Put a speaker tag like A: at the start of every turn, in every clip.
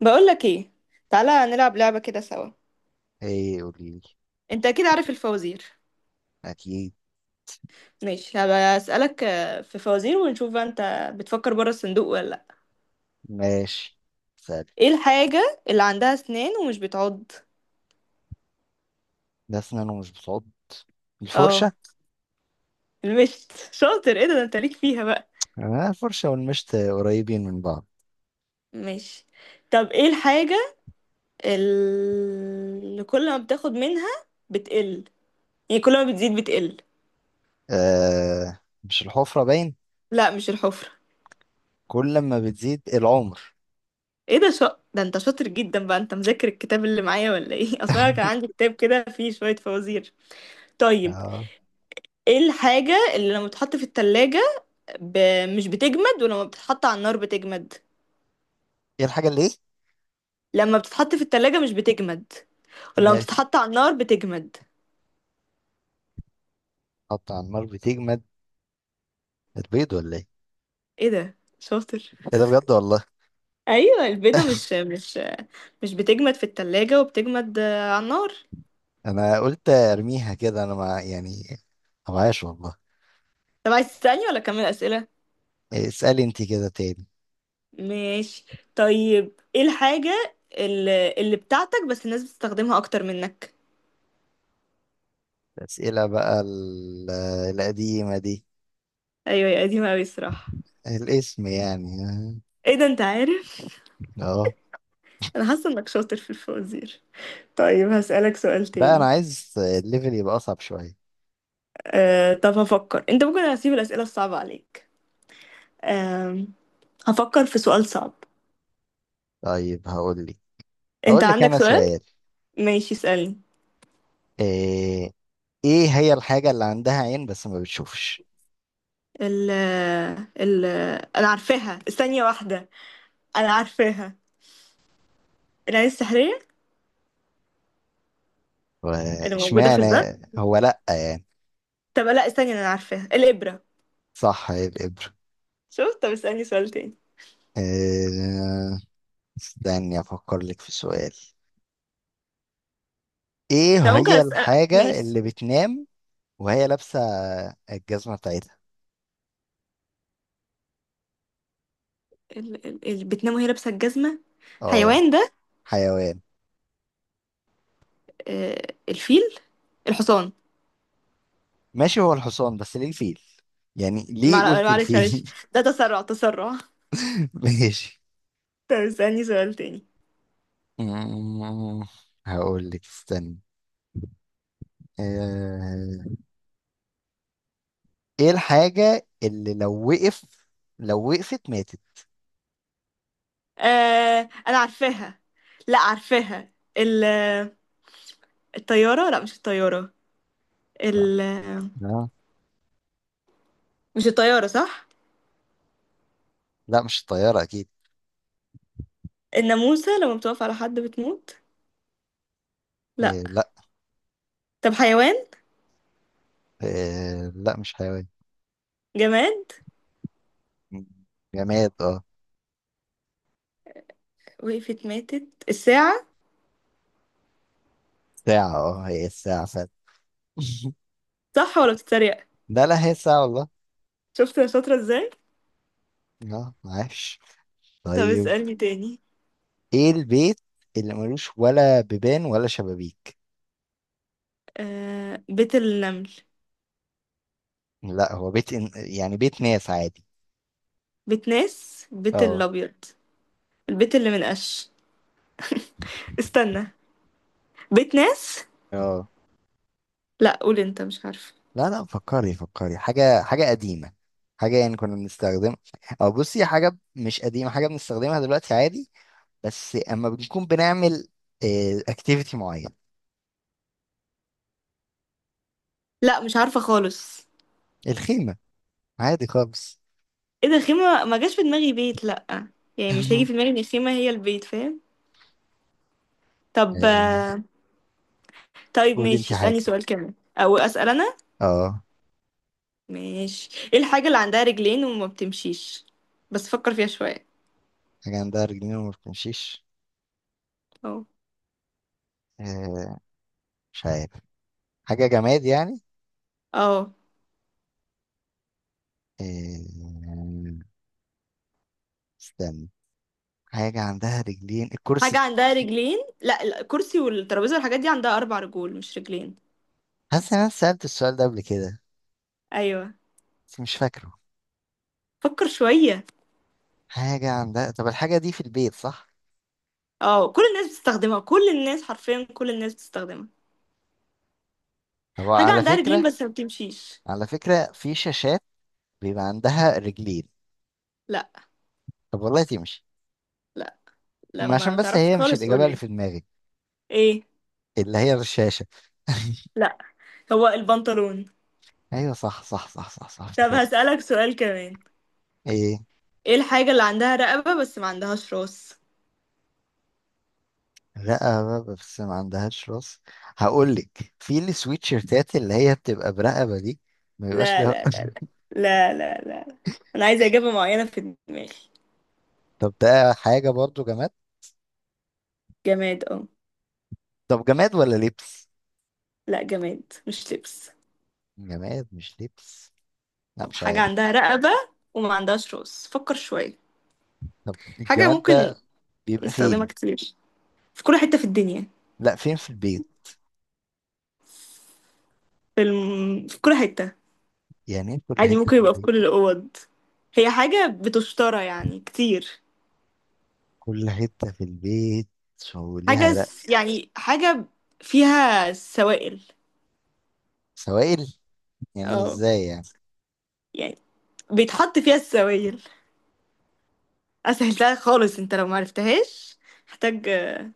A: بقولك ايه؟ تعالى نلعب لعبة كده سوا.
B: ايه، قوليلي.
A: انت اكيد عارف الفوازير.
B: اكيد.
A: ماشي، هبقى اسألك في فوازير ونشوف بقى انت بتفكر بره الصندوق ولا لا.
B: ماشي. سهل.
A: ايه الحاجة اللي عندها اسنان ومش بتعض؟
B: ده اسنان ومش بتعض؟ الفرشة.
A: اه المشت شاطر، ايه ده انت ليك فيها بقى.
B: آه، الفرشة والمشط قريبين من بعض.
A: ماشي، طب ايه الحاجة اللي كل ما بتاخد منها بتقل، يعني كل ما بتزيد بتقل.
B: آه، مش الحفرة باين.
A: لا مش الحفرة.
B: كل ما بتزيد العمر.
A: ايه ده ده انت شاطر جدا بقى، انت مذاكر الكتاب اللي معايا ولا ايه؟ اصلا كان عندي كتاب كده فيه شوية فوازير. طيب
B: اه.
A: ايه الحاجة اللي لما بتتحط في التلاجة ب... مش بتجمد ولما بتتحط على النار بتجمد،
B: ايه الحاجة اللي ايه؟
A: لما بتتحط في التلاجة مش بتجمد ولما
B: ماشي.
A: بتتحط على النار بتجمد.
B: حط على النار بتجمد؟ البيض ولا ايه؟
A: ايه ده شاطر.
B: ايه ده بجد والله.
A: ايوه البيضة مش بتجمد في التلاجة وبتجمد على النار.
B: انا قلت ارميها كده، انا مع يعني، ما معايش والله.
A: طب عايز تسألني ولا اكمل اسئلة؟
B: إيه، اسألي انت كده تاني.
A: ماشي. طيب ايه الحاجة اللي بتاعتك بس الناس بتستخدمها اكتر منك.
B: الأسئلة بقى القديمة دي.
A: ايوه يا قديمة اوي الصراحة.
B: الاسم يعني.
A: ايه ده انت عارف.
B: اه.
A: انا حاسة انك شاطر في الفوازير. طيب هسألك سؤال
B: بقى انا
A: تاني.
B: عايز الليفل يبقى اصعب شويه.
A: طب هفكر، انت ممكن هسيب الأسئلة الصعبة عليك. أه هفكر في سؤال صعب.
B: طيب،
A: انت
B: هقول لك
A: عندك
B: انا
A: سؤال؟
B: سؤال.
A: ماشي اسألني.
B: ايه. إيه هي الحاجه اللي عندها عين بس ما بتشوفش؟
A: ال ال انا عارفاها، ثانية واحدة. انا عارفاها، العين السحرية اللي موجودة في
B: واشمعنى؟
A: الباب.
B: هو لا يعني.
A: طب لا استني، انا عارفاها، الإبرة.
B: صح، هي الابره.
A: شوف، طب اسألني سؤال تاني.
B: إيه. استني افكر لك في سؤال.
A: طب
B: ايه
A: ممكن
B: هي
A: اسأل؟
B: الحاجه
A: ماشي.
B: اللي بتنام وهي لابسه الجزمه بتاعتها؟
A: اللي بتنام وهي لابسة الجزمة،
B: اه.
A: حيوان ده؟
B: حيوان.
A: الفيل، الحصان.
B: ماشي، هو الحصان، بس ليه الفيل؟ يعني ليه قلت
A: معلش معلش،
B: الفيل؟
A: ده تسرع تسرع.
B: ماشي.
A: طب اسألني سؤال تاني.
B: مم، هقول لك استني. آه، ايه الحاجة اللي لو وقفت ماتت؟
A: انا عارفاها، لا عارفاها، الطيارة، لا مش الطيارة،
B: لا.
A: ال
B: آه،
A: مش الطيارة صح.
B: لا، مش الطيارة اكيد.
A: الناموسة لما بتقف على حد بتموت، لا.
B: لا.
A: طب حيوان،
B: لا مش حيوان.
A: جماد،
B: مم، جماد اه.
A: وقفت ماتت، الساعة.
B: ساعة، اه، هي الساعة فعلا.
A: صح ولا بتتريق؟
B: لا، لا، هي الساعة والله.
A: شفت انا شاطرة ازاي.
B: اه، عاش.
A: طب
B: طيب.
A: اسألني تاني.
B: ايه البيت اللي ملوش ولا بيبان ولا شبابيك؟
A: آه، بيت النمل.
B: لا، هو بيت يعني بيت ناس عادي.
A: بيت ناس، بيت
B: اه.
A: الأبيض، البيت اللي من قش. استنى، بيت ناس.
B: اه.
A: لا قول انت، مش عارفة.
B: لا، لا، فكري فكري حاجة حاجة قديمة. حاجة يعني كنا بنستخدمها. أو بصي، حاجة مش قديمة، حاجة بنستخدمها دلوقتي عادي. بس أما بنكون بنعمل اكتيفيتي معين.
A: لا مش عارفة خالص.
B: الخيمة. عادي خالص.
A: ايه ده، الخيمة ما جاش في دماغي بيت لأ، يعني مش هيجي في دماغي ان الخيمة هي البيت، فاهم. طب
B: آه،
A: طيب
B: قولي انت
A: ماشي، اسألني
B: حاجة.
A: سؤال كمان او اسأل انا.
B: اه.
A: ماشي، ايه الحاجة اللي عندها رجلين وما بتمشيش، بس فكر فيها شوية.
B: حاجة عندها رجلين وما بتمشيش؟
A: اه.
B: آه، مش عارف. حاجة جماد يعني؟
A: اه
B: آه، استنى. حاجة عندها رجلين،
A: حاجة
B: الكرسي.
A: عندها رجلين، لا لا، الكرسي والترابيزة والحاجات دي عندها اربع رجول مش رجلين.
B: حاسس إن أنا سألت السؤال ده قبل كده.
A: ايوه،
B: بس مش فاكره.
A: فكر شوية.
B: حاجة عندها، طب الحاجة دي في البيت، صح؟
A: اه، كل الناس بتستخدمها، كل الناس حرفيا كل الناس بتستخدمها.
B: طب،
A: حاجة
B: على
A: عندها رجلين
B: فكرة.
A: بس ما بتمشيش.
B: على فكرة، في شاشات بيبقى عندها رجلين.
A: لا
B: طب والله تمشي.
A: لا.
B: ما عشان
A: لما
B: بس
A: تعرفش
B: هي مش
A: خالص
B: الإجابة اللي
A: قولي.
B: في دماغي.
A: ايه.
B: اللي هي الشاشة.
A: لا، هو البنطلون.
B: أيوة، صح صح صح صح صح،
A: طب
B: افتكرت.
A: هسألك سؤال كمان.
B: إيه.
A: ايه الحاجة اللي عندها رقبة بس ما عندهاش راس؟
B: رقبة بس ما عندهاش راس؟ هقول لك، في السويت شيرتات اللي هي بتبقى برقبة دي. ما بيبقاش
A: لا
B: ليها.
A: لا لا لا لا لا لا، انا عايزة إجابة معينة في دماغي.
B: طب، ده حاجة برضو جماد.
A: جماد اه.
B: طب، جماد ولا لبس؟
A: لا، جماد مش لبس.
B: جماد مش لبس. لا،
A: أو
B: مش
A: حاجة
B: عارف.
A: عندها رقبة وما عندهاش راس، فكر شوية.
B: طب،
A: حاجة
B: الجماد
A: ممكن
B: ده بيبقى
A: نستخدمها
B: فين؟
A: كتير، في كل حتة في الدنيا.
B: لا، فين في البيت؟
A: في كل حتة.
B: يعني ايه كل
A: عادي،
B: حتة
A: ممكن
B: في
A: يبقى في
B: البيت؟
A: كل الأوض. هي حاجة بتشترى يعني كتير.
B: كل حتة في البيت. وليها
A: يعني حاجة فيها سوائل.
B: سوائل. يعني
A: اه
B: ازاي يعني؟
A: يعني بيتحط فيها السوائل. اسهلتها خالص، انت لو معرفتهاش محتاج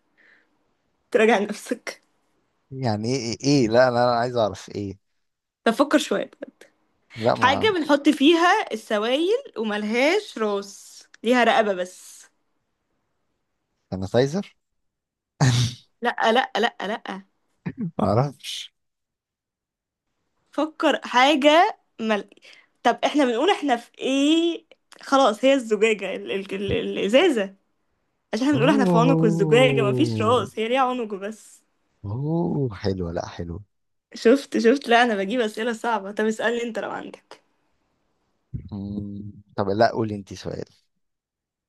A: تراجع نفسك.
B: يعني إيه؟ لا، أنا عايز اعرف ايه.
A: طب فكر شوية.
B: لا
A: حاجة
B: ما،
A: بنحط فيها السوائل وملهاش راس، ليها رقبة بس.
B: سانيتايزر؟
A: لأ لأ لأ لأ.
B: ما اعرفش.
A: فكر. طب احنا بنقول احنا في ايه؟ خلاص، هي الزجاجة الإزازة، عشان احنا بنقول احنا في عنق الزجاجة، مفيش
B: اوه،
A: راس، هي ليها عنق بس.
B: اوه حلوة، لا حلوة.
A: شفت شفت. لا انا بجيب أسئلة صعبة. طب اسألني انت لو عندك.
B: مم، طب، لا قولي انت سؤال.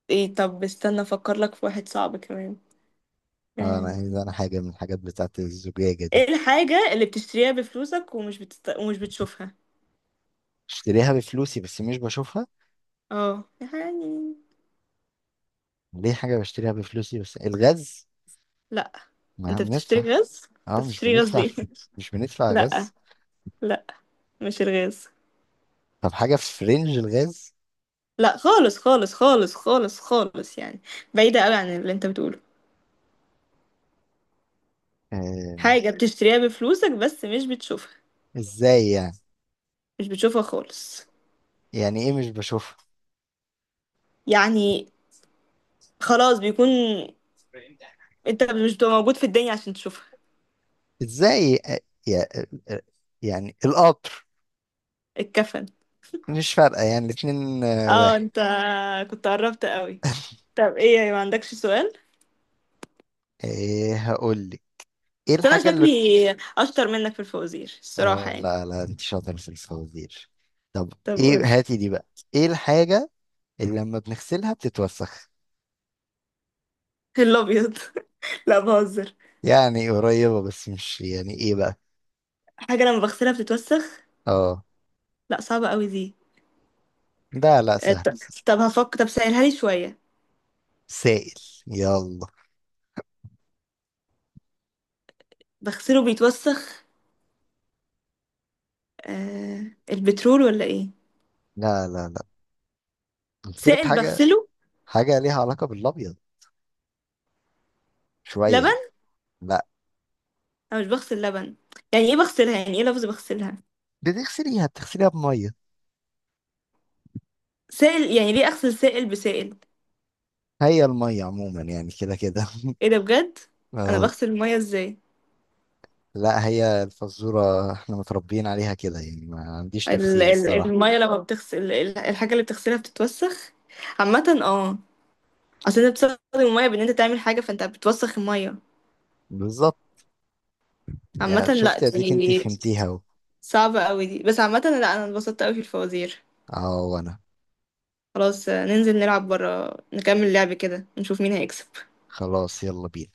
A: ايه طب استنى افكر لك في واحد صعب كمان.
B: انا عايز
A: أم،
B: انا حاجة من الحاجات بتاعت الزجاجة دي.
A: ايه الحاجة اللي بتشتريها بفلوسك ومش بتشوفها.
B: بشتريها بفلوسي بس مش بشوفها؟
A: اه يعني.
B: ليه، حاجة بشتريها بفلوسي بس، الغاز.
A: لا،
B: ما
A: انت بتشتري
B: بندفع.
A: غاز؟ انت
B: اه، مش
A: بتشتري غاز
B: بندفع.
A: ليه؟
B: مش بندفع
A: لا
B: غاز.
A: لا مش الغاز.
B: طب، حاجة في رينج الغاز.
A: لا خالص خالص خالص خالص خالص، يعني بعيدة قوي عن اللي انت بتقوله.
B: آه.
A: حاجة بتشتريها بفلوسك بس مش بتشوفها.
B: ازاي يعني؟
A: مش بتشوفها خالص.
B: يعني ايه مش بشوفها؟
A: يعني خلاص بيكون انت مش بتبقى موجود في الدنيا عشان تشوفها.
B: ازاي؟ يا- آه، يعني القطر.
A: الكفن.
B: مش فارقة يعني الاتنين
A: اه
B: واحد.
A: انت كنت قربت قوي. طب إيه، يعني ما عندكش سؤال؟
B: ايه، هقول لك. ايه
A: بس أنا
B: الحاجة اللي.
A: شكلي أشطر منك في الفوازير الصراحة
B: اه،
A: يعني.
B: لا، لا، انت شاطر في الفوازير. طب،
A: طب
B: ايه
A: قولي.
B: هاتي دي بقى. ايه الحاجة اللي لما بنغسلها بتتوسخ؟
A: الأبيض. لا بهزر.
B: يعني قريبة، بس مش يعني، ايه بقى.
A: حاجة لما بغسلها بتتوسخ.
B: اه.
A: لا صعبة أوي دي.
B: لا، لا،
A: آه،
B: سهل
A: طب
B: سهل.
A: طب سهلها لي شوية.
B: سائل. يلا.
A: بغسله بيتوسخ. البترول ولا إيه؟
B: لا، لا، لا، قلت لك
A: سائل
B: حاجة.
A: بغسله.
B: حاجة ليها علاقة بالابيض. شوية يعني.
A: لبن؟
B: لا.
A: أنا مش بغسل لبن، يعني إيه بغسلها؟ يعني إيه لفظ بغسلها؟
B: بتغسليها بمية.
A: سائل، يعني ليه أغسل سائل بسائل؟
B: هي المية عموما يعني كده كده.
A: إيه ده بجد؟ أنا
B: اه.
A: بغسل المية إزاي؟
B: لا، هي الفزورة احنا متربيين عليها كده، يعني ما عنديش تفسير الصراحة.
A: المية لما بتغسل الحاجة اللي بتغسلها بتتوسخ عامة اه. اصل انت بتستخدم المية بان انت تعمل حاجة فانت بتوسخ المية
B: بالظبط.
A: عامة.
B: يعني
A: لا
B: شفتي، اديك انت
A: دي
B: فهمتيها اهو.
A: صعبة اوي دي، بس عامة لا انا اتبسطت اوي في الفوازير.
B: اه، وانا.
A: خلاص ننزل نلعب برا، نكمل لعب كده، نشوف مين هيكسب.
B: خلاص، يلا بينا.